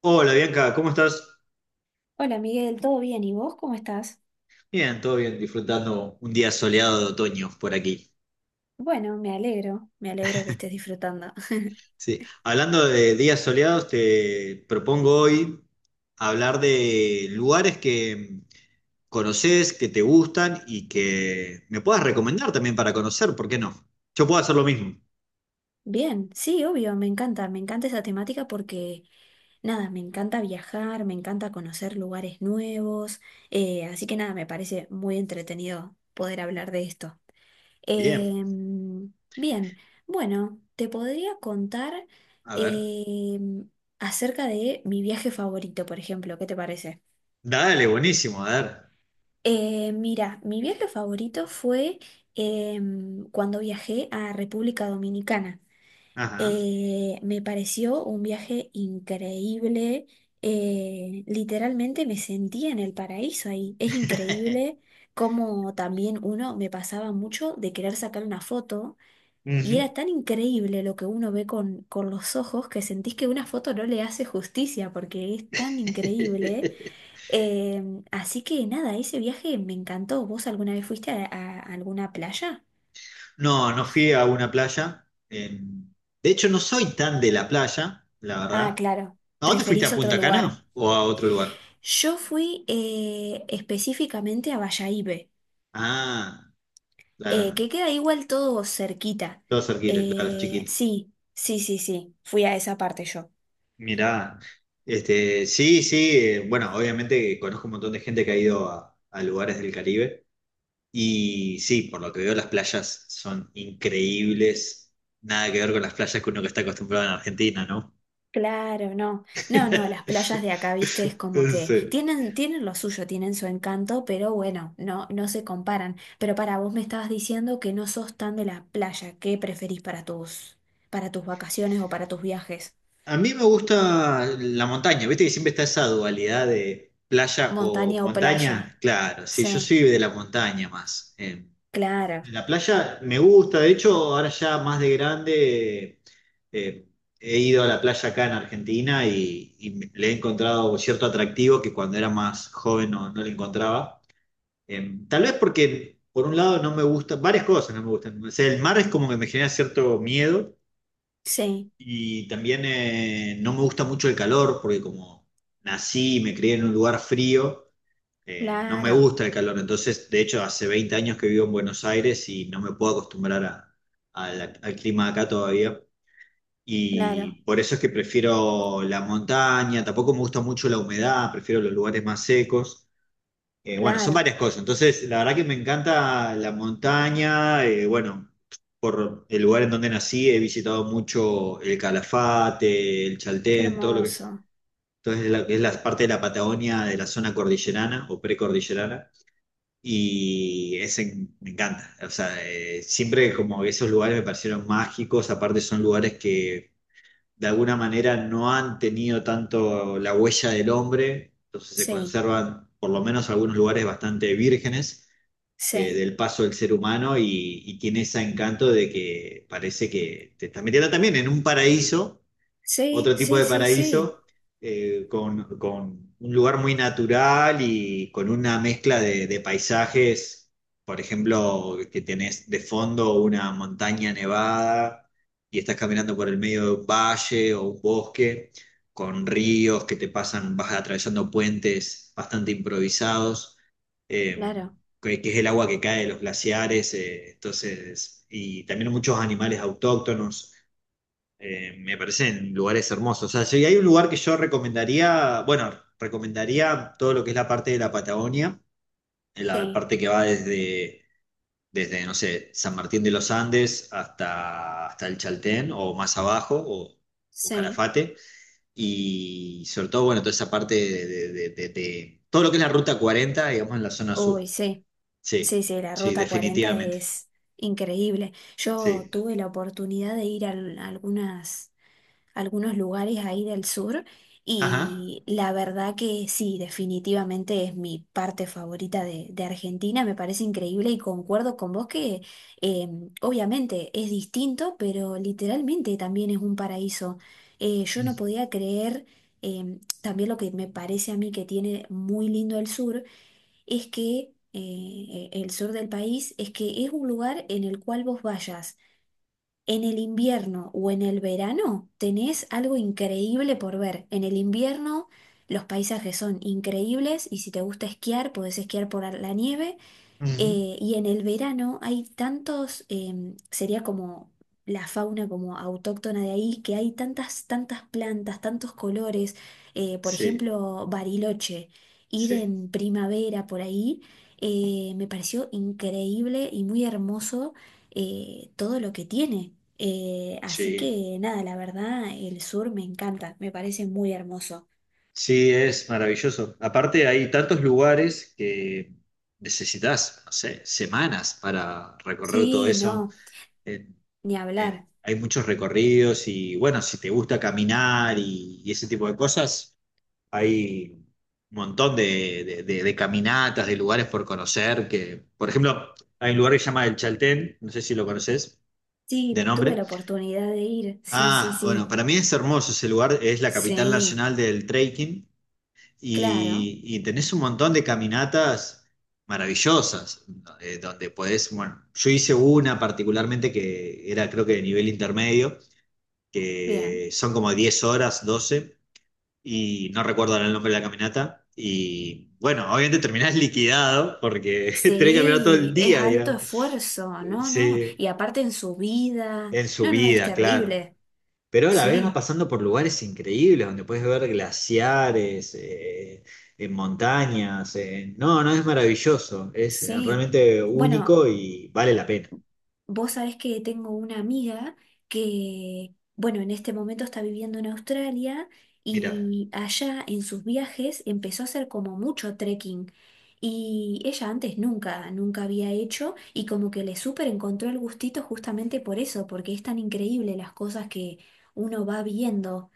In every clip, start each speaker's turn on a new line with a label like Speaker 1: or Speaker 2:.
Speaker 1: Hola Bianca, ¿cómo estás?
Speaker 2: Hola Miguel, ¿todo bien? ¿Y vos cómo estás?
Speaker 1: Bien, todo bien, disfrutando un día soleado de otoño por aquí.
Speaker 2: Bueno, me alegro que estés disfrutando.
Speaker 1: Sí, hablando de días soleados, te propongo hoy hablar de lugares que conoces, que te gustan y que me puedas recomendar también para conocer, ¿por qué no? Yo puedo hacer lo mismo.
Speaker 2: Bien, sí, obvio, me encanta esa temática porque, nada, me encanta viajar, me encanta conocer lugares nuevos, así que nada, me parece muy entretenido poder hablar de esto.
Speaker 1: Bien,
Speaker 2: Bien, bueno, te podría contar
Speaker 1: a ver.
Speaker 2: em, acerca de mi viaje favorito, por ejemplo, ¿qué te parece?
Speaker 1: Dale, buenísimo, a ver.
Speaker 2: Mira, mi viaje favorito fue cuando viajé a República Dominicana.
Speaker 1: Ajá.
Speaker 2: Me pareció un viaje increíble. Literalmente me sentía en el paraíso ahí. Es increíble cómo también uno me pasaba mucho de querer sacar una foto y
Speaker 1: Ujú.
Speaker 2: era tan increíble lo que uno ve con los ojos que sentís que una foto no le hace justicia porque es tan increíble. Así que nada, ese viaje me encantó. ¿Vos alguna vez fuiste a alguna playa?
Speaker 1: No, no fui a una playa. De hecho, no soy tan de la playa, la
Speaker 2: Ah,
Speaker 1: verdad.
Speaker 2: claro,
Speaker 1: ¿A dónde fuiste?
Speaker 2: preferís
Speaker 1: ¿A
Speaker 2: otro
Speaker 1: Punta
Speaker 2: lugar.
Speaker 1: Cana o a otro lugar?
Speaker 2: Yo fui específicamente a Bayahibe,
Speaker 1: Ah, claro, no.
Speaker 2: que queda igual todo cerquita.
Speaker 1: Todo cerquita, claro, chiquito.
Speaker 2: Sí, sí, sí, sí, fui a esa parte yo.
Speaker 1: Mirá, este, sí, sí, bueno, obviamente conozco un montón de gente que ha ido a lugares del Caribe y sí, por lo que veo las playas son increíbles, nada que ver con las playas que uno que está acostumbrado en Argentina, ¿no?
Speaker 2: Claro, no. No, no, las playas de acá, viste, es como que
Speaker 1: Sí.
Speaker 2: tienen, tienen lo suyo, tienen su encanto, pero bueno, no, no se comparan. Pero para vos me estabas diciendo que no sos tan de la playa. ¿Qué preferís para tus vacaciones o para tus viajes?
Speaker 1: A mí me gusta la montaña, viste que siempre está esa dualidad de playa o
Speaker 2: ¿Montaña o playa?
Speaker 1: montaña. Claro, sí, yo
Speaker 2: Sí,
Speaker 1: soy de la montaña más. Eh,
Speaker 2: claro,
Speaker 1: la playa me gusta, de hecho, ahora ya más de grande eh, he ido a la playa acá en Argentina y le he encontrado cierto atractivo que cuando era más joven no, no le encontraba. Tal vez porque, por un lado, no me gusta, varias cosas no me gustan. O sea, el mar es como que me genera cierto miedo.
Speaker 2: sí,
Speaker 1: Y también no me gusta mucho el calor, porque como nací y me crié en un lugar frío, no me
Speaker 2: claro,
Speaker 1: gusta el calor. Entonces, de hecho, hace 20 años que vivo en Buenos Aires y no me puedo acostumbrar al clima de acá todavía.
Speaker 2: claro,
Speaker 1: Y por eso es que prefiero la montaña, tampoco me gusta mucho la humedad, prefiero los lugares más secos. Bueno, son
Speaker 2: claro.
Speaker 1: varias cosas. Entonces, la verdad que me encanta la montaña. Bueno, por el lugar en donde nací, he visitado mucho el Calafate, el
Speaker 2: Qué
Speaker 1: Chaltén, todo lo que es,
Speaker 2: hermoso.
Speaker 1: entonces, es la parte de la Patagonia de la zona cordillerana o precordillerana. Y ese me encanta. O sea, siempre como esos lugares me parecieron mágicos. Aparte, son lugares que de alguna manera no han tenido tanto la huella del hombre, entonces se
Speaker 2: Sí,
Speaker 1: conservan por lo menos algunos lugares bastante vírgenes
Speaker 2: sí,
Speaker 1: del paso del ser humano y tiene ese encanto de que parece que te estás metiendo también en un paraíso
Speaker 2: sí,
Speaker 1: otro tipo
Speaker 2: sí,
Speaker 1: de
Speaker 2: sí, sí,
Speaker 1: paraíso, con un lugar muy natural y con una mezcla de paisajes, por ejemplo, que tenés de fondo una montaña nevada y estás caminando por el medio de un valle o un bosque, con ríos que te pasan, vas atravesando puentes bastante improvisados. eh,
Speaker 2: claro,
Speaker 1: que es el agua que cae de los glaciares, entonces, y también muchos animales autóctonos, me parecen lugares hermosos. O sea, si hay un lugar que yo recomendaría, bueno, recomendaría todo lo que es la parte de la Patagonia, en la
Speaker 2: sí,
Speaker 1: parte que va desde, no sé, San Martín de los Andes hasta, el Chaltén o más abajo o
Speaker 2: sí.
Speaker 1: Calafate. Y sobre todo, bueno, toda esa parte de todo lo que es la Ruta 40, digamos, en la zona
Speaker 2: Uy,
Speaker 1: sur.
Speaker 2: sí. Sí,
Speaker 1: Sí,
Speaker 2: sí, la
Speaker 1: sí,
Speaker 2: Ruta 40
Speaker 1: definitivamente.
Speaker 2: es increíble. Yo
Speaker 1: Sí.
Speaker 2: tuve la oportunidad de ir a algunas, algunos lugares ahí del sur
Speaker 1: Ajá.
Speaker 2: y la verdad que sí, definitivamente es mi parte favorita de Argentina. Me parece increíble y concuerdo con vos que eh, obviamente es distinto, pero literalmente también es un paraíso. Yo no podía creer también lo que me parece a mí que tiene muy lindo el sur es que el sur del país es que es un lugar en el cual vos vayas en el invierno o en el verano, tenés algo increíble por ver. En el invierno los paisajes son increíbles y si te gusta esquiar, podés esquiar por la nieve
Speaker 1: Ujú.
Speaker 2: y en el verano hay tantos, sería como la fauna como autóctona de ahí, que hay tantas, tantas plantas, tantos colores. Por
Speaker 1: Sí,
Speaker 2: ejemplo, Bariloche, ir
Speaker 1: sí,
Speaker 2: en primavera por ahí, me pareció increíble y muy hermoso todo lo que tiene. Así
Speaker 1: sí.
Speaker 2: que nada, la verdad, el sur me encanta, me parece muy hermoso.
Speaker 1: Sí, es maravilloso. Aparte, hay tantos lugares que necesitas, no sé, semanas para recorrer todo
Speaker 2: Sí,
Speaker 1: eso.
Speaker 2: no,
Speaker 1: Eh,
Speaker 2: ni hablar.
Speaker 1: hay muchos recorridos y bueno, si te gusta caminar y ese tipo de cosas, hay un montón de caminatas, de lugares por conocer, que, por ejemplo, hay un lugar que se llama El Chaltén, no sé si lo conoces de
Speaker 2: Sí, tuve
Speaker 1: nombre.
Speaker 2: la oportunidad de ir, sí, sí,
Speaker 1: Ah, bueno,
Speaker 2: sí.
Speaker 1: para mí es hermoso ese lugar, es la capital
Speaker 2: Sí,
Speaker 1: nacional del trekking
Speaker 2: claro,
Speaker 1: y tenés un montón de caminatas maravillosas, donde podés, bueno, yo hice una particularmente que era creo que de nivel intermedio,
Speaker 2: bien.
Speaker 1: que son como 10 horas, 12 y no recuerdo ahora el nombre de la caminata, y bueno, obviamente terminás liquidado porque tenés que caminar todo
Speaker 2: Sí,
Speaker 1: el
Speaker 2: es
Speaker 1: día,
Speaker 2: alto
Speaker 1: digamos,
Speaker 2: esfuerzo, no, no.
Speaker 1: sí,
Speaker 2: Y aparte en su vida,
Speaker 1: en
Speaker 2: no, no, es
Speaker 1: subida, claro.
Speaker 2: terrible.
Speaker 1: Pero a la vez vas
Speaker 2: Sí,
Speaker 1: pasando por lugares increíbles donde puedes ver glaciares, en montañas. No, no es maravilloso, es
Speaker 2: sí.
Speaker 1: realmente
Speaker 2: Bueno,
Speaker 1: único y vale la pena.
Speaker 2: vos sabés que tengo una amiga que, bueno, en este momento está viviendo en Australia
Speaker 1: Mira,
Speaker 2: y allá en sus viajes empezó a hacer como mucho trekking. Y ella antes nunca, nunca había hecho y como que le súper encontró el gustito justamente por eso, porque es tan increíble las cosas que uno va viendo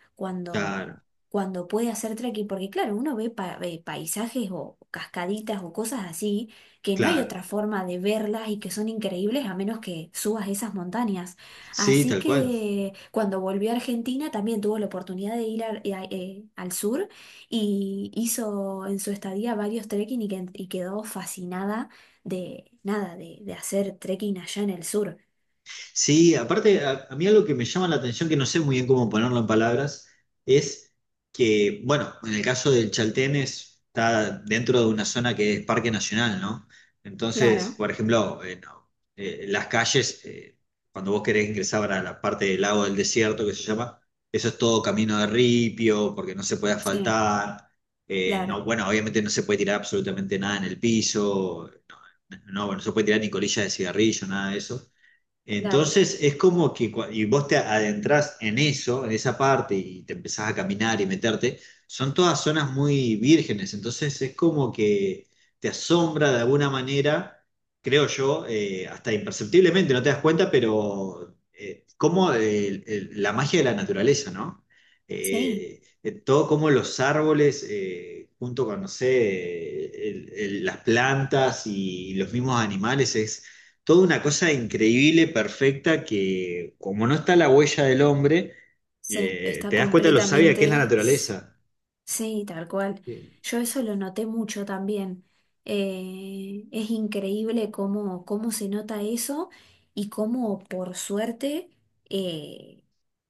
Speaker 1: claro,
Speaker 2: cuando, cuando puede hacer trekking, porque claro, uno ve, ve paisajes o cascaditas o cosas así que no hay
Speaker 1: claro.
Speaker 2: otra forma de verlas y que son increíbles a menos que subas esas montañas.
Speaker 1: Sí,
Speaker 2: Así
Speaker 1: tal cual.
Speaker 2: que cuando volvió a Argentina también tuvo la oportunidad de ir al sur y hizo en su estadía varios trekking y quedó fascinada de nada, de hacer trekking allá en el sur.
Speaker 1: Sí, aparte, a mí algo que me llama la atención, que no sé muy bien cómo ponerlo en palabras, es que, bueno, en el caso del Chaltén está dentro de una zona que es parque nacional, ¿no?
Speaker 2: Claro,
Speaker 1: Entonces, por ejemplo, no, las calles, cuando vos querés ingresar a la parte del lago del desierto, que se llama, eso es todo camino de ripio, porque no se puede
Speaker 2: sí,
Speaker 1: asfaltar,
Speaker 2: claro,
Speaker 1: no, bueno, obviamente no se puede tirar absolutamente nada en el piso, no, no, no se puede tirar ni colillas de cigarrillo, nada de eso.
Speaker 2: claro,
Speaker 1: Entonces es como que y vos te adentrás en eso, en esa parte, y te empezás a caminar y meterte, son todas zonas muy vírgenes, entonces es como que te asombra de alguna manera, creo yo, hasta imperceptiblemente, no te das cuenta, pero como la magia de la naturaleza, ¿no?
Speaker 2: sí,
Speaker 1: Todo como los árboles, junto con, no sé, las plantas y los mismos animales, es toda una cosa increíble, perfecta, que como no está la huella del hombre,
Speaker 2: sí, está
Speaker 1: te das cuenta de lo sabia que es la
Speaker 2: completamente...
Speaker 1: naturaleza.
Speaker 2: Sí, tal cual.
Speaker 1: Eh,
Speaker 2: Yo eso lo noté mucho también. Es increíble cómo, cómo se nota eso y cómo por suerte, eh,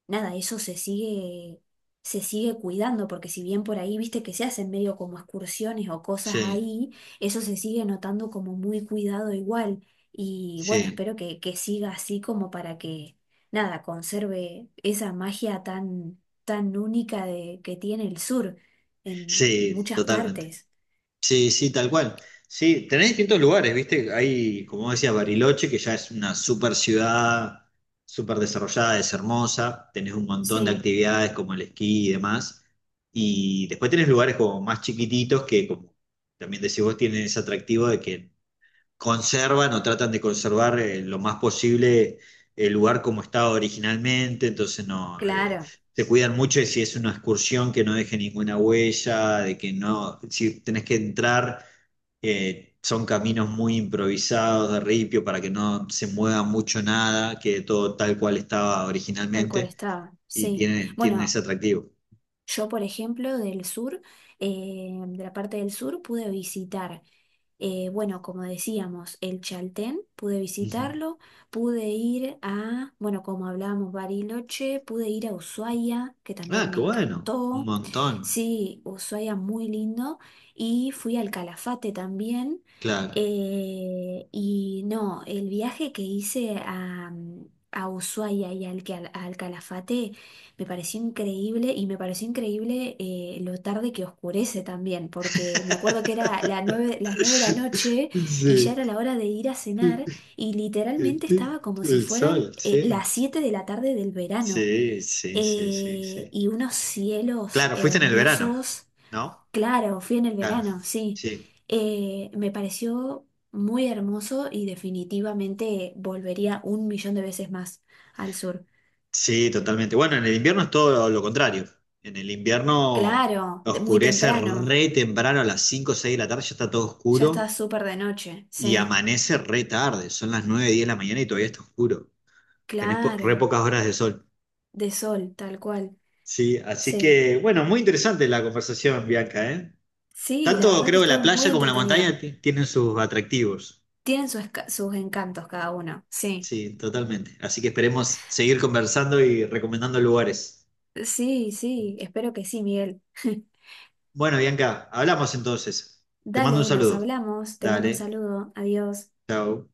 Speaker 2: nada, eso se sigue cuidando, porque si bien por ahí, viste que se hacen medio como excursiones o cosas
Speaker 1: Sí,
Speaker 2: ahí, eso se sigue notando como muy cuidado igual. Y bueno,
Speaker 1: sí,
Speaker 2: espero que siga así como para que, nada, conserve esa magia tan, tan única de, que tiene el sur en
Speaker 1: sí,
Speaker 2: muchas
Speaker 1: totalmente.
Speaker 2: partes.
Speaker 1: Sí, sí, tal cual. Sí, tenés distintos lugares, ¿viste? Hay, como decía, Bariloche, que ya es una super ciudad, súper desarrollada, es hermosa. Tenés un montón de
Speaker 2: Sí,
Speaker 1: actividades como el esquí y demás. Y después tenés lugares como más chiquititos que, como también decís vos, tienen ese atractivo de que conservan o tratan de conservar lo más posible el lugar como estaba originalmente, entonces no,
Speaker 2: claro,
Speaker 1: se cuidan mucho de si es una excursión que no deje ninguna huella, de que no, si tenés que entrar, son caminos muy improvisados de ripio para que no se mueva mucho nada, que todo tal cual estaba
Speaker 2: tal cual
Speaker 1: originalmente
Speaker 2: estaba.
Speaker 1: y
Speaker 2: Sí.
Speaker 1: tienen
Speaker 2: Bueno,
Speaker 1: ese atractivo.
Speaker 2: yo, por ejemplo, del sur, de la parte del sur, pude visitar. Bueno, como decíamos, el Chaltén, pude
Speaker 1: Ujú.
Speaker 2: visitarlo, pude ir a, bueno, como hablábamos, Bariloche, pude ir a Ushuaia, que
Speaker 1: Ah,
Speaker 2: también me
Speaker 1: qué bueno, un
Speaker 2: encantó.
Speaker 1: montón,
Speaker 2: Sí, Ushuaia muy lindo. Y fui al Calafate también.
Speaker 1: claro.
Speaker 2: Y no, el viaje que hice a Ushuaia y al Calafate. Me pareció increíble y me pareció increíble lo tarde que oscurece también, porque me acuerdo que era las 9 de la noche y ya era
Speaker 1: Sí.
Speaker 2: la hora de ir a cenar y literalmente estaba como si
Speaker 1: El
Speaker 2: fueran
Speaker 1: sol, sí.
Speaker 2: las 7 de la tarde del verano.
Speaker 1: Sí, sí, sí, sí, sí.
Speaker 2: Y unos cielos
Speaker 1: Claro, fuiste en el verano,
Speaker 2: hermosos.
Speaker 1: ¿no?
Speaker 2: Claro, fui en el
Speaker 1: Claro.
Speaker 2: verano, sí.
Speaker 1: Sí,
Speaker 2: Me pareció muy hermoso y definitivamente volvería un millón de veces más al sur.
Speaker 1: sí, totalmente. Bueno, en el invierno es todo lo contrario. En el invierno
Speaker 2: Claro, de- muy
Speaker 1: oscurece
Speaker 2: temprano.
Speaker 1: re temprano a las 5 o 6 de la tarde, ya está todo
Speaker 2: Ya está
Speaker 1: oscuro
Speaker 2: súper de noche,
Speaker 1: y
Speaker 2: sí,
Speaker 1: amanece re tarde, son las 9:10 de la mañana y todavía está oscuro. Tenés re
Speaker 2: claro,
Speaker 1: pocas horas de sol.
Speaker 2: de sol, tal cual,
Speaker 1: Sí, así
Speaker 2: sí,
Speaker 1: que, bueno, muy interesante la conversación, Bianca, ¿eh?
Speaker 2: sí, la
Speaker 1: Tanto
Speaker 2: verdad que
Speaker 1: creo que
Speaker 2: estuvo
Speaker 1: la playa
Speaker 2: muy
Speaker 1: como la
Speaker 2: entretenida.
Speaker 1: montaña tienen sus atractivos.
Speaker 2: Tienen sus, sus encantos cada uno, sí,
Speaker 1: Sí, totalmente. Así que esperemos seguir conversando y recomendando lugares.
Speaker 2: sí, sí, espero que sí, Miguel.
Speaker 1: Bueno, Bianca, hablamos entonces. Te mando un
Speaker 2: Dale, nos
Speaker 1: saludo.
Speaker 2: hablamos, te mando un
Speaker 1: Dale,
Speaker 2: saludo, adiós.
Speaker 1: chao.